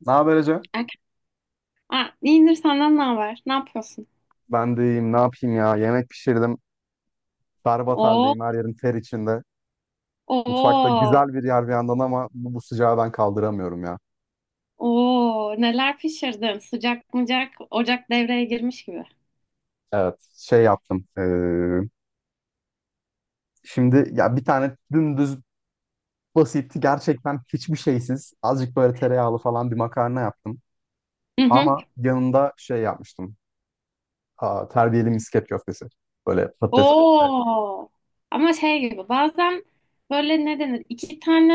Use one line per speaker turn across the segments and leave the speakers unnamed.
Ne haber Ece?
Erken. İyidir, senden ne haber? Ne yapıyorsun?
Ben de iyiyim. Ne yapayım ya? Yemek pişirdim. Berbat
Oo,
haldeyim. Her yerim ter içinde. Mutfakta
oo,
güzel bir yer bir yandan ama bu sıcağı ben kaldıramıyorum ya.
oo. Neler pişirdin? Sıcak mıcak, ocak devreye girmiş gibi.
Evet. Şey yaptım. Şimdi ya bir tane dümdüz basitti. Gerçekten hiçbir şeysiz. Azıcık böyle tereyağlı falan bir makarna yaptım.
Hı hı.
Ama yanında şey yapmıştım. Aa, terbiyeli misket köftesi. Böyle patates.
Oo. Ama şey gibi bazen böyle ne denir? İki tane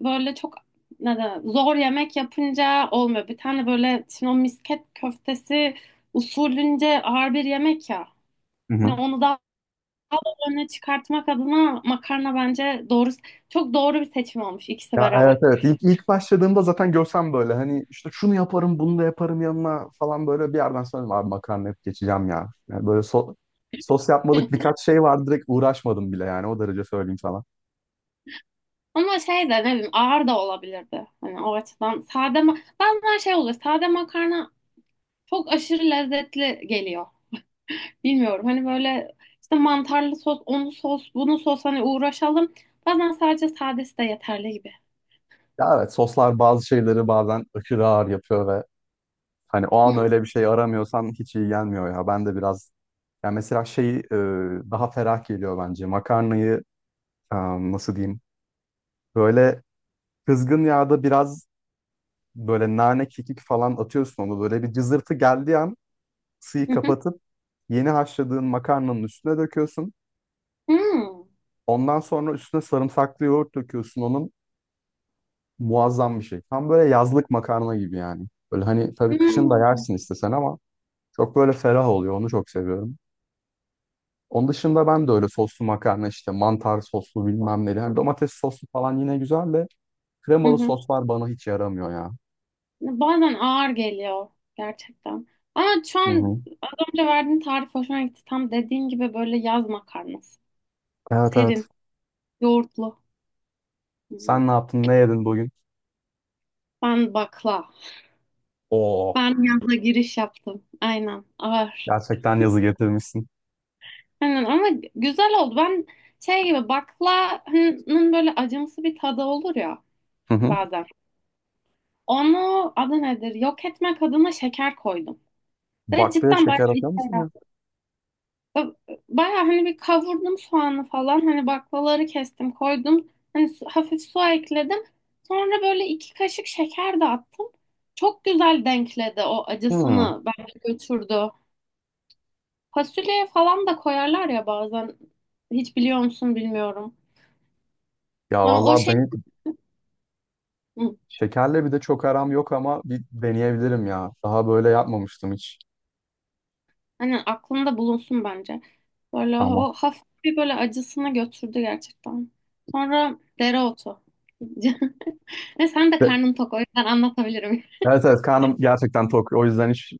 böyle çok ne denir, zor yemek yapınca olmuyor. Bir tane böyle şimdi o misket köftesi usulünce ağır bir yemek ya. Hani onu daha öne çıkartmak adına makarna bence doğru, çok doğru bir seçim olmuş ikisi
Ya, evet,
beraber.
evet, ilk başladığımda zaten görsem böyle hani işte şunu yaparım bunu da yaparım yanına falan, böyle bir yerden sonra dedim, abi makarna hep geçeceğim ya. Yani böyle sos yapmadık, birkaç şey vardı, direkt uğraşmadım bile yani o derece söyleyeyim sana.
Ama şey de ne bileyim ağır da olabilirdi. Hani o açıdan sade ma bazen şey oluyor. Sade makarna çok aşırı lezzetli geliyor. Bilmiyorum, hani böyle işte mantarlı sos, onu sos, bunu sos hani uğraşalım. Bazen sadece sadesi de yeterli gibi.
Ya evet, soslar bazı şeyleri bazen aşırı ağır yapıyor ve hani o an
Hmm.
öyle bir şey aramıyorsan hiç iyi gelmiyor ya. Ben de biraz, yani mesela şeyi daha ferah geliyor bence makarnayı e, nasıl diyeyim, böyle kızgın yağda biraz böyle nane kekik falan atıyorsun, onu böyle bir cızırtı geldiği an suyu
Hı hı.
kapatıp yeni haşladığın makarnanın üstüne döküyorsun.
Hmm.
Ondan sonra üstüne sarımsaklı yoğurt döküyorsun, onun muazzam bir şey. Tam böyle yazlık makarna gibi yani. Böyle hani tabii kışın da
Hmm.
yersin istesen ama çok böyle ferah oluyor, onu çok seviyorum. Onun dışında ben de öyle soslu makarna, işte mantar soslu bilmem ne. Yani domates soslu falan yine güzel de
Hı
kremalı
hı.
soslar bana hiç yaramıyor ya.
Bazen ağır geliyor gerçekten. Ama şu
Hı hı.
an az önce verdiğin tarif hoşuma gitti. Tam dediğin gibi böyle yaz makarnası.
Evet, evet.
Serin, yoğurtlu.
Sen
Hmm.
ne yaptın? Ne yedin bugün?
Ben bakla.
Oo.
Ben yazla giriş yaptım. Aynen. Ağır.
Gerçekten yazı getirmişsin.
Aynen, ama güzel oldu. Ben şey gibi, baklavanın böyle acımsı bir tadı olur ya
Hı hı.
bazen. Onu adı nedir? Yok etmek adına şeker koydum. Ve
Baklaya
cidden bayağı
şeker
işe
atıyor musun ya?
yaradı. Bayağı hani bir kavurdum soğanı falan. Hani baklaları kestim, koydum. Hani hafif su ekledim. Sonra böyle iki kaşık şeker de attım. Çok güzel denkledi o
Hı.
acısını. Bence götürdü. Fasulye falan da koyarlar ya bazen. Hiç biliyor musun bilmiyorum.
Ya
Ama o
vallahi
şey.
ben
Hı,
şekerle bir de çok aram yok ama bir deneyebilirim ya. Daha böyle yapmamıştım hiç.
hani aklında bulunsun bence. Böyle
Tamam.
o hafif bir böyle acısını götürdü gerçekten. Sonra dereotu. Ve sen de
Ve-
karnın tok, o yüzden anlatabilirim.
Evet, evet, karnım gerçekten tok. O yüzden hiç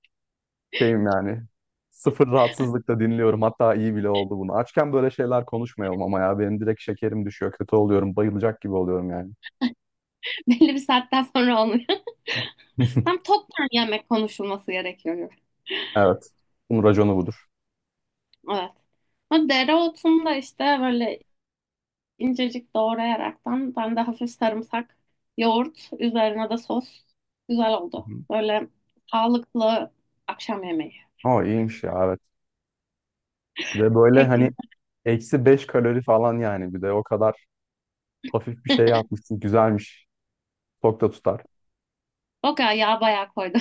şeyim yani. Sıfır rahatsızlıkla dinliyorum. Hatta iyi bile oldu bunu. Açken böyle şeyler konuşmayalım ama ya. Benim direkt şekerim düşüyor. Kötü oluyorum. Bayılacak gibi oluyorum yani.
Belli bir saatten sonra olmuyor. Tam toptan yemek konuşulması gerekiyor gibi.
Evet. Bunun raconu budur.
Evet. Ama dereotunda işte böyle incecik doğrayaraktan ben de hafif sarımsak, yoğurt, üzerine de sos. Güzel oldu.
Hı.
Böyle sağlıklı akşam yemeği
Ama iyiymiş ya, evet. Bir de böyle hani
şeklinde.
-5 kalori falan yani, bir de o kadar hafif bir şey yapmışsın. Güzelmiş. Çok da tutar.
O kadar yağ bayağı koydu.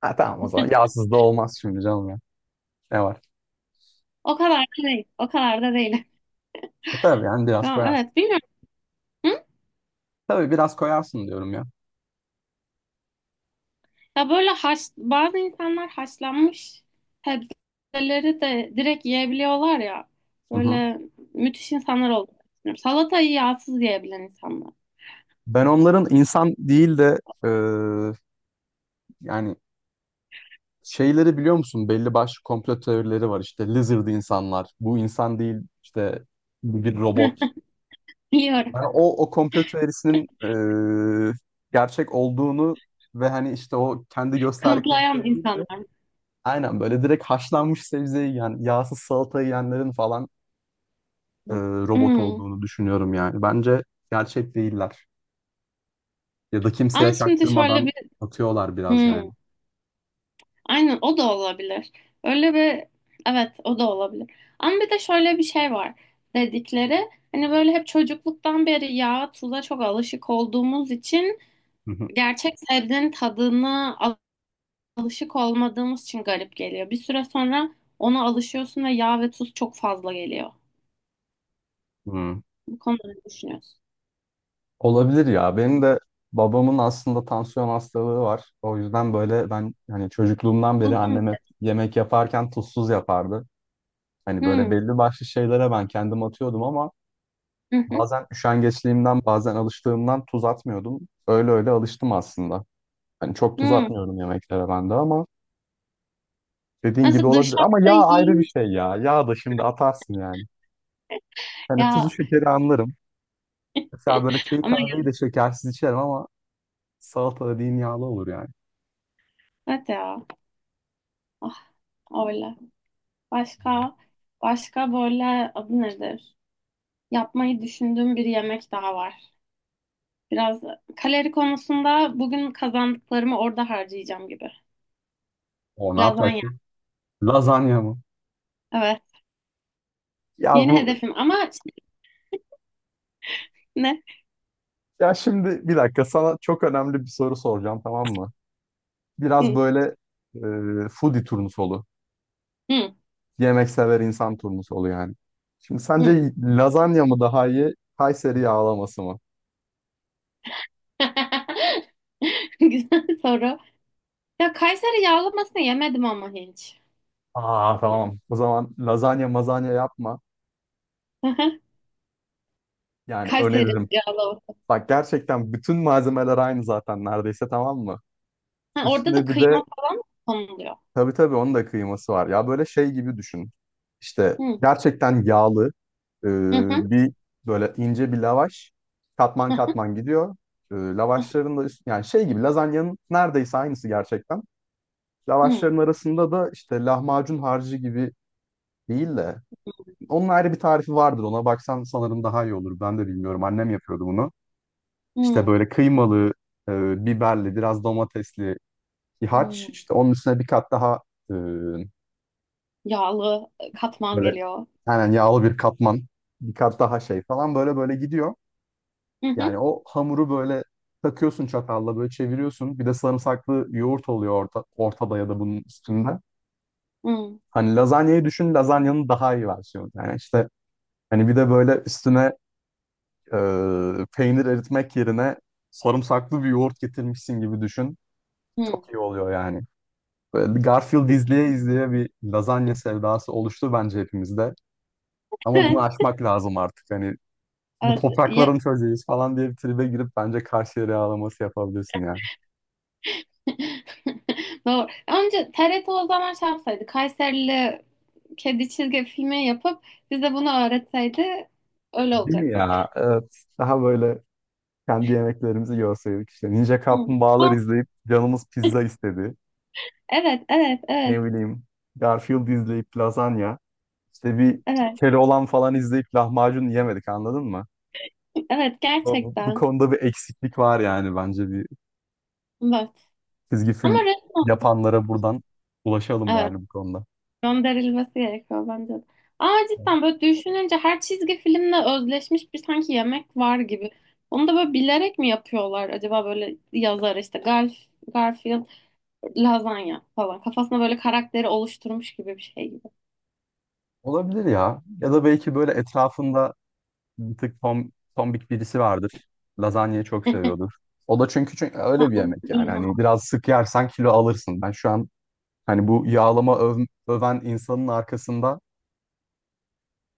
Ha, tamam o zaman. Yağsız da olmaz şimdi canım ya. Ne var?
O kadar da değil. O kadar da değil.
E, tabii yani biraz
Ya,
koyarsın.
evet, bilmiyorum. Hı?
Tabii biraz koyarsın diyorum ya.
Ya böyle haş, bazı insanlar haşlanmış sebzeleri de direkt yiyebiliyorlar ya.
Hı hı.
Böyle müthiş insanlar oldu. Salatayı yağsız yiyebilen insanlar.
Ben onların insan değil de yani şeyleri biliyor musun? Belli başlı komplo teorileri var işte. Lizard insanlar. Bu insan değil işte, bu bir
Hı,
robot.
biliyorum.
Yani o komplo teorisinin e, gerçek olduğunu ve hani işte o kendi gösterdikleri
Kanıtlayan
şey değil de,
insanlar.
aynen böyle direkt haşlanmış sebzeyi yiyen, yağsız salata yiyenlerin falan e, robot
Hı.
olduğunu düşünüyorum yani. Bence gerçek değiller. Ya da
Ama
kimseye
şimdi şöyle.
çaktırmadan atıyorlar biraz yani.
Hmm, aynen, o da olabilir. Öyle bir evet, o da olabilir. Ama bir de şöyle bir şey var dedikleri, hani böyle hep çocukluktan beri yağa tuza çok alışık olduğumuz için
Hı hı.
gerçek sebzenin tadına alışık olmadığımız için garip geliyor. Bir süre sonra ona alışıyorsun ve yağ ve tuz çok fazla geliyor.
Hı.
Bu konuda ne düşünüyorsun?
Olabilir ya. Benim de babamın aslında tansiyon hastalığı var. O yüzden böyle ben hani çocukluğumdan beri
Tuzlu mu?
annem hep yemek yaparken tuzsuz yapardı. Hani böyle
Hmm.
belli başlı şeylere ben kendim atıyordum ama
Hı hı.
bazen üşengeçliğimden bazen alıştığımdan tuz atmıyordum. Öyle öyle alıştım aslında. Hani çok tuz
Hmm.
atmıyorum yemeklere ben de ama dediğin gibi
Nasıl
olabilir. Ama
dışarıda
yağ ayrı bir
yiyeyim?
şey ya. Yağ da şimdi atarsın yani. Hani tuzu
Ya,
şekeri anlarım. Mesela böyle çayı
ama ya,
kahveyi de şekersiz içerim ama salata dediğin yağlı olur yani.
evet ya. Ah, öyle. Başka başka böyle adı nedir? Yapmayı düşündüğüm bir yemek daha var. Biraz kalori konusunda bugün kazandıklarımı orada harcayacağım gibi.
O ne
Lazanya.
yapacaktı? Lazanya mı?
Evet.
Ya
Yeni
bu,
hedefim ama şey, ne?
ya şimdi bir dakika sana çok önemli bir soru soracağım, tamam mı? Biraz
Hı,
böyle foodie turnusolu.
hı,
Yemek sever insan turnusolu yani. Şimdi
hı.
sence lazanya mı daha iyi, Kayseri yağlaması mı?
Güzel soru. Ya Kayseri yağlamasını yemedim ama hiç.
Aa, tamam. O zaman lazanya mazanya yapma.
Hı hı.
Yani
Kayseri
öneririm.
yağlaması.
Bak, gerçekten bütün malzemeler aynı zaten neredeyse, tamam mı?
Ha, orada da
Üstüne bir de,
kıyma falan mı konuluyor.
tabii tabii, onun da kıyması var. Ya böyle şey gibi düşün. İşte
Hı,
gerçekten yağlı e,
hı, hı,
bir, böyle ince bir lavaş, katman
hı,
katman gidiyor. E, lavaşların da yani şey gibi lazanyanın neredeyse aynısı gerçekten.
hı,
Lavaşların arasında da işte lahmacun harcı gibi değil de. Onun ayrı bir tarifi vardır. Ona baksan sanırım daha iyi olur. Ben de bilmiyorum. Annem yapıyordu bunu. İşte
hı.
böyle kıymalı, biberli, biraz domatesli bir harç.
Hı.
İşte onun üstüne bir kat daha e,
Yağlı katman
böyle
geliyor.
aynen yağlı bir katman. Bir kat daha şey falan, böyle böyle gidiyor.
Hı hı.
Yani o hamuru böyle takıyorsun, çatalla böyle çeviriyorsun. Bir de sarımsaklı yoğurt oluyor ortada ya da bunun üstünde.
Hı
Hani lazanyayı düşün, lazanyanın daha iyi versiyonu. Yani işte hani bir de böyle üstüne, peynir eritmek yerine sarımsaklı bir yoğurt getirmişsin gibi düşün.
hı.
Çok iyi oluyor yani. Böyle bir Garfield izleye izleye bir lazanya sevdası oluştu bence hepimizde. Ama bunu aşmak lazım artık. Hani bu
Evet, evet. Ya.
toprakların çocuğuyuz falan diye bir tribe girip bence Karşıyaka yağlaması yapabilirsin yani.
Doğru. Önce TRT o zaman şey yapsaydı, Kayserili kedi çizgi filmi yapıp bize bunu öğretseydi öyle
Değil mi
olacaktık.
ya? Evet. Daha böyle kendi yemeklerimizi görseydik işte. Ninja
Hı.
Kaplumbağalar
Aa,
izleyip canımız pizza istedi.
evet, evet, evet,
Ne bileyim. Garfield izleyip lazanya. İşte bir
evet,
Keloğlan falan izleyip lahmacun yiyemedik anladın mı?
evet,
Bu
gerçekten.
konuda bir eksiklik var yani, bence bir
Evet.
çizgi
Ama
film
resmen,
yapanlara buradan ulaşalım
evet.
yani bu konuda.
Gönderilmesi gerekiyor bence de. Ama
Evet.
cidden böyle düşününce her çizgi filmle özleşmiş bir sanki yemek var gibi. Onu da böyle bilerek mi yapıyorlar acaba, böyle yazar işte Garfield lazanya falan. Kafasına böyle karakteri oluşturmuş gibi bir şey gibi.
Olabilir ya. Ya da belki böyle etrafında bir tık tombik birisi vardır. Lazanyayı çok seviyordur. O da çünkü,
Ha,
öyle bir
ama
yemek yani.
İlham.
Hani biraz sık yersen kilo alırsın. Ben şu an, hani bu yağlama öven insanın arkasında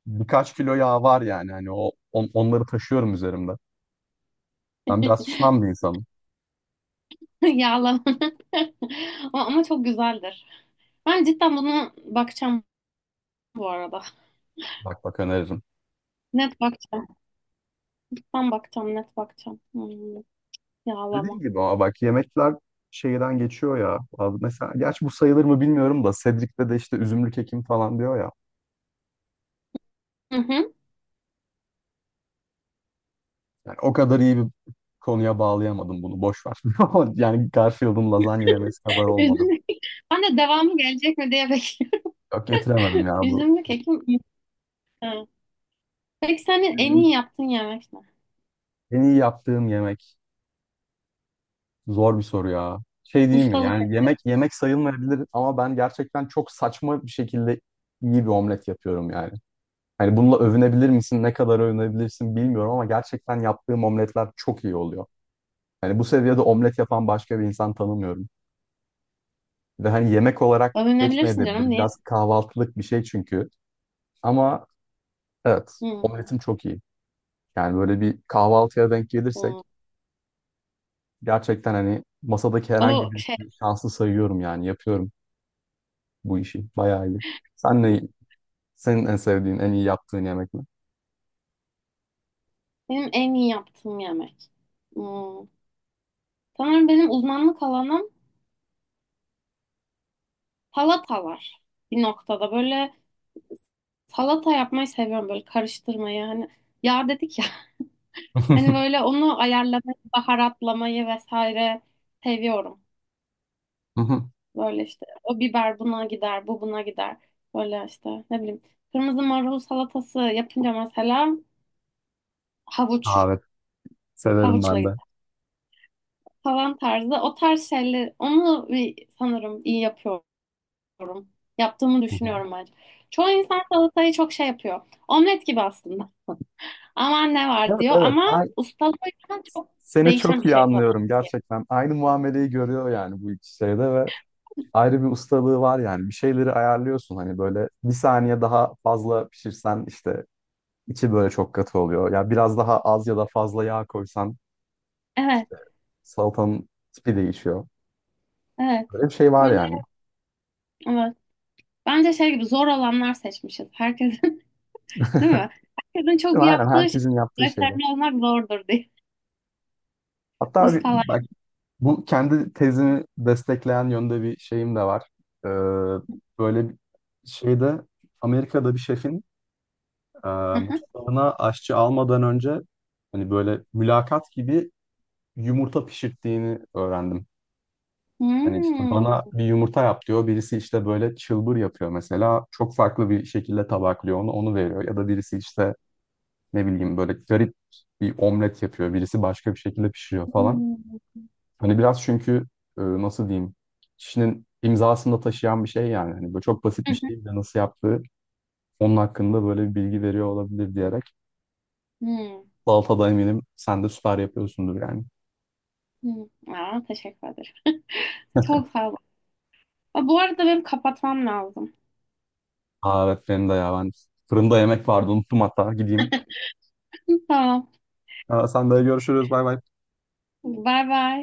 birkaç kilo yağ var yani. Hani o onları taşıyorum üzerimde. Ben biraz şişman bir insanım.
Yağlama. Ama ama çok güzeldir. Ben cidden buna bakacağım bu arada.
Bak bak, öneririm.
Net bakacağım. Ben bakacağım, net bakacağım. Hmm, yağlama.
Dediğim gibi ama bak, yemekler şeyden geçiyor ya. Abi mesela, gerçi bu sayılır mı bilmiyorum da, Cedric'te de işte üzümlü kekim falan diyor ya.
Hı hı.
Yani o kadar iyi bir konuya bağlayamadım bunu. Boş ver. Yani Garfield'ın lazanya yemesi kadar olmadı.
Üzümlü kek. Ben de devamı gelecek mi diye bekliyorum.
Yok, getiremedim ya bu.
Üzümlü kekim. Ha. Peki senin en iyi
Bizim.
yaptığın yemek ne?
En iyi yaptığım yemek. Zor bir soru ya. Şey değil mi?
Ustalık.
Yani yemek yemek sayılmayabilir ama ben gerçekten çok saçma bir şekilde iyi bir omlet yapıyorum yani. Hani bununla övünebilir misin? Ne kadar övünebilirsin bilmiyorum ama gerçekten yaptığım omletler çok iyi oluyor. Hani bu seviyede omlet yapan başka bir insan tanımıyorum. Ve hani yemek olarak
Övünebilirsin canım,
geçmeyebilir.
niye?
Biraz kahvaltılık bir şey çünkü. Ama evet,
Hı,
omletim çok iyi. Yani böyle bir kahvaltıya denk gelirsek
hı.
gerçekten hani masadaki herhangi
O şey,
birisini şanslı sayıyorum yani yapıyorum bu işi. Bayağı iyi. Sen ne, senin en sevdiğin, en iyi yaptığın yemek ne?
benim en iyi yaptığım yemek. Hı. Sanırım benim uzmanlık alanım salatalar. Bir noktada böyle salata yapmayı seviyorum, böyle karıştırmayı, hani yağ dedik ya, hani böyle onu ayarlamayı, baharatlamayı vesaire seviyorum. Böyle işte o biber buna gider, bu buna gider. Böyle işte ne bileyim. Kırmızı marul salatası yapınca mesela havuç,
Evet, severim
havuçla
ben de.
gider falan tarzı. O tarz şeyler, onu bir sanırım iyi yapıyorum. Yaptığımı
Hı hı.
düşünüyorum bence. Çoğu insan salatayı çok şey yapıyor. Omlet gibi aslında. Aman ne var
Evet,
diyor
evet.
ama
Ay-
ustalığıyla çok
seni
değişen
çok
bir
iyi
şey tabii
anlıyorum
ki.
gerçekten. Aynı muameleyi görüyor yani bu iki şeyde ve ayrı bir ustalığı var yani. Bir şeyleri ayarlıyorsun hani böyle bir saniye daha fazla pişirsen işte içi böyle çok katı oluyor. Ya biraz daha az ya da fazla yağ koysan
Evet,
işte salatanın tipi değişiyor.
evet.
Böyle bir şey var
Böyle
yani.
evet. Bence şey gibi zor olanlar seçmişiz. Herkes. Değil mi? Herkesin çok
Değil mi? Aynen
yaptığı şey.
herkesin yaptığı şeyler.
Referme olmak zordur diye.
Hatta bir,
Ustalar.
Bu kendi tezimi destekleyen yönde bir şeyim de var. Ee, Böyle bir şeyde Amerika'da bir şefin e,
Hı hı.
mutfağına aşçı almadan önce hani böyle mülakat gibi yumurta pişirttiğini öğrendim. Hani işte
Hmm.
bana bir yumurta yap diyor. Birisi işte böyle çılbır yapıyor mesela. Çok farklı bir şekilde tabaklıyor onu veriyor. Ya da birisi işte ne bileyim böyle garip bir omlet yapıyor. Birisi başka bir şekilde pişiriyor falan.
Hmm.
Hani biraz çünkü nasıl diyeyim, kişinin imzasını da taşıyan bir şey yani. Hani böyle çok basit
Hı
bir
hı.
şey bile nasıl yaptığı onun hakkında böyle bir bilgi veriyor olabilir diyerek.
Hmm.
Salatada eminim sen de süper yapıyorsundur yani.
Hmm. Hmm. Aa, teşekkür ederim. Çok sağ ol. Aa, bu arada benim kapatmam lazım.
Aa, evet benim de ya, ben fırında yemek vardı unuttum hatta gideyim.
Tamam.
Aa, sen de görüşürüz, bay bay.
Bay bay.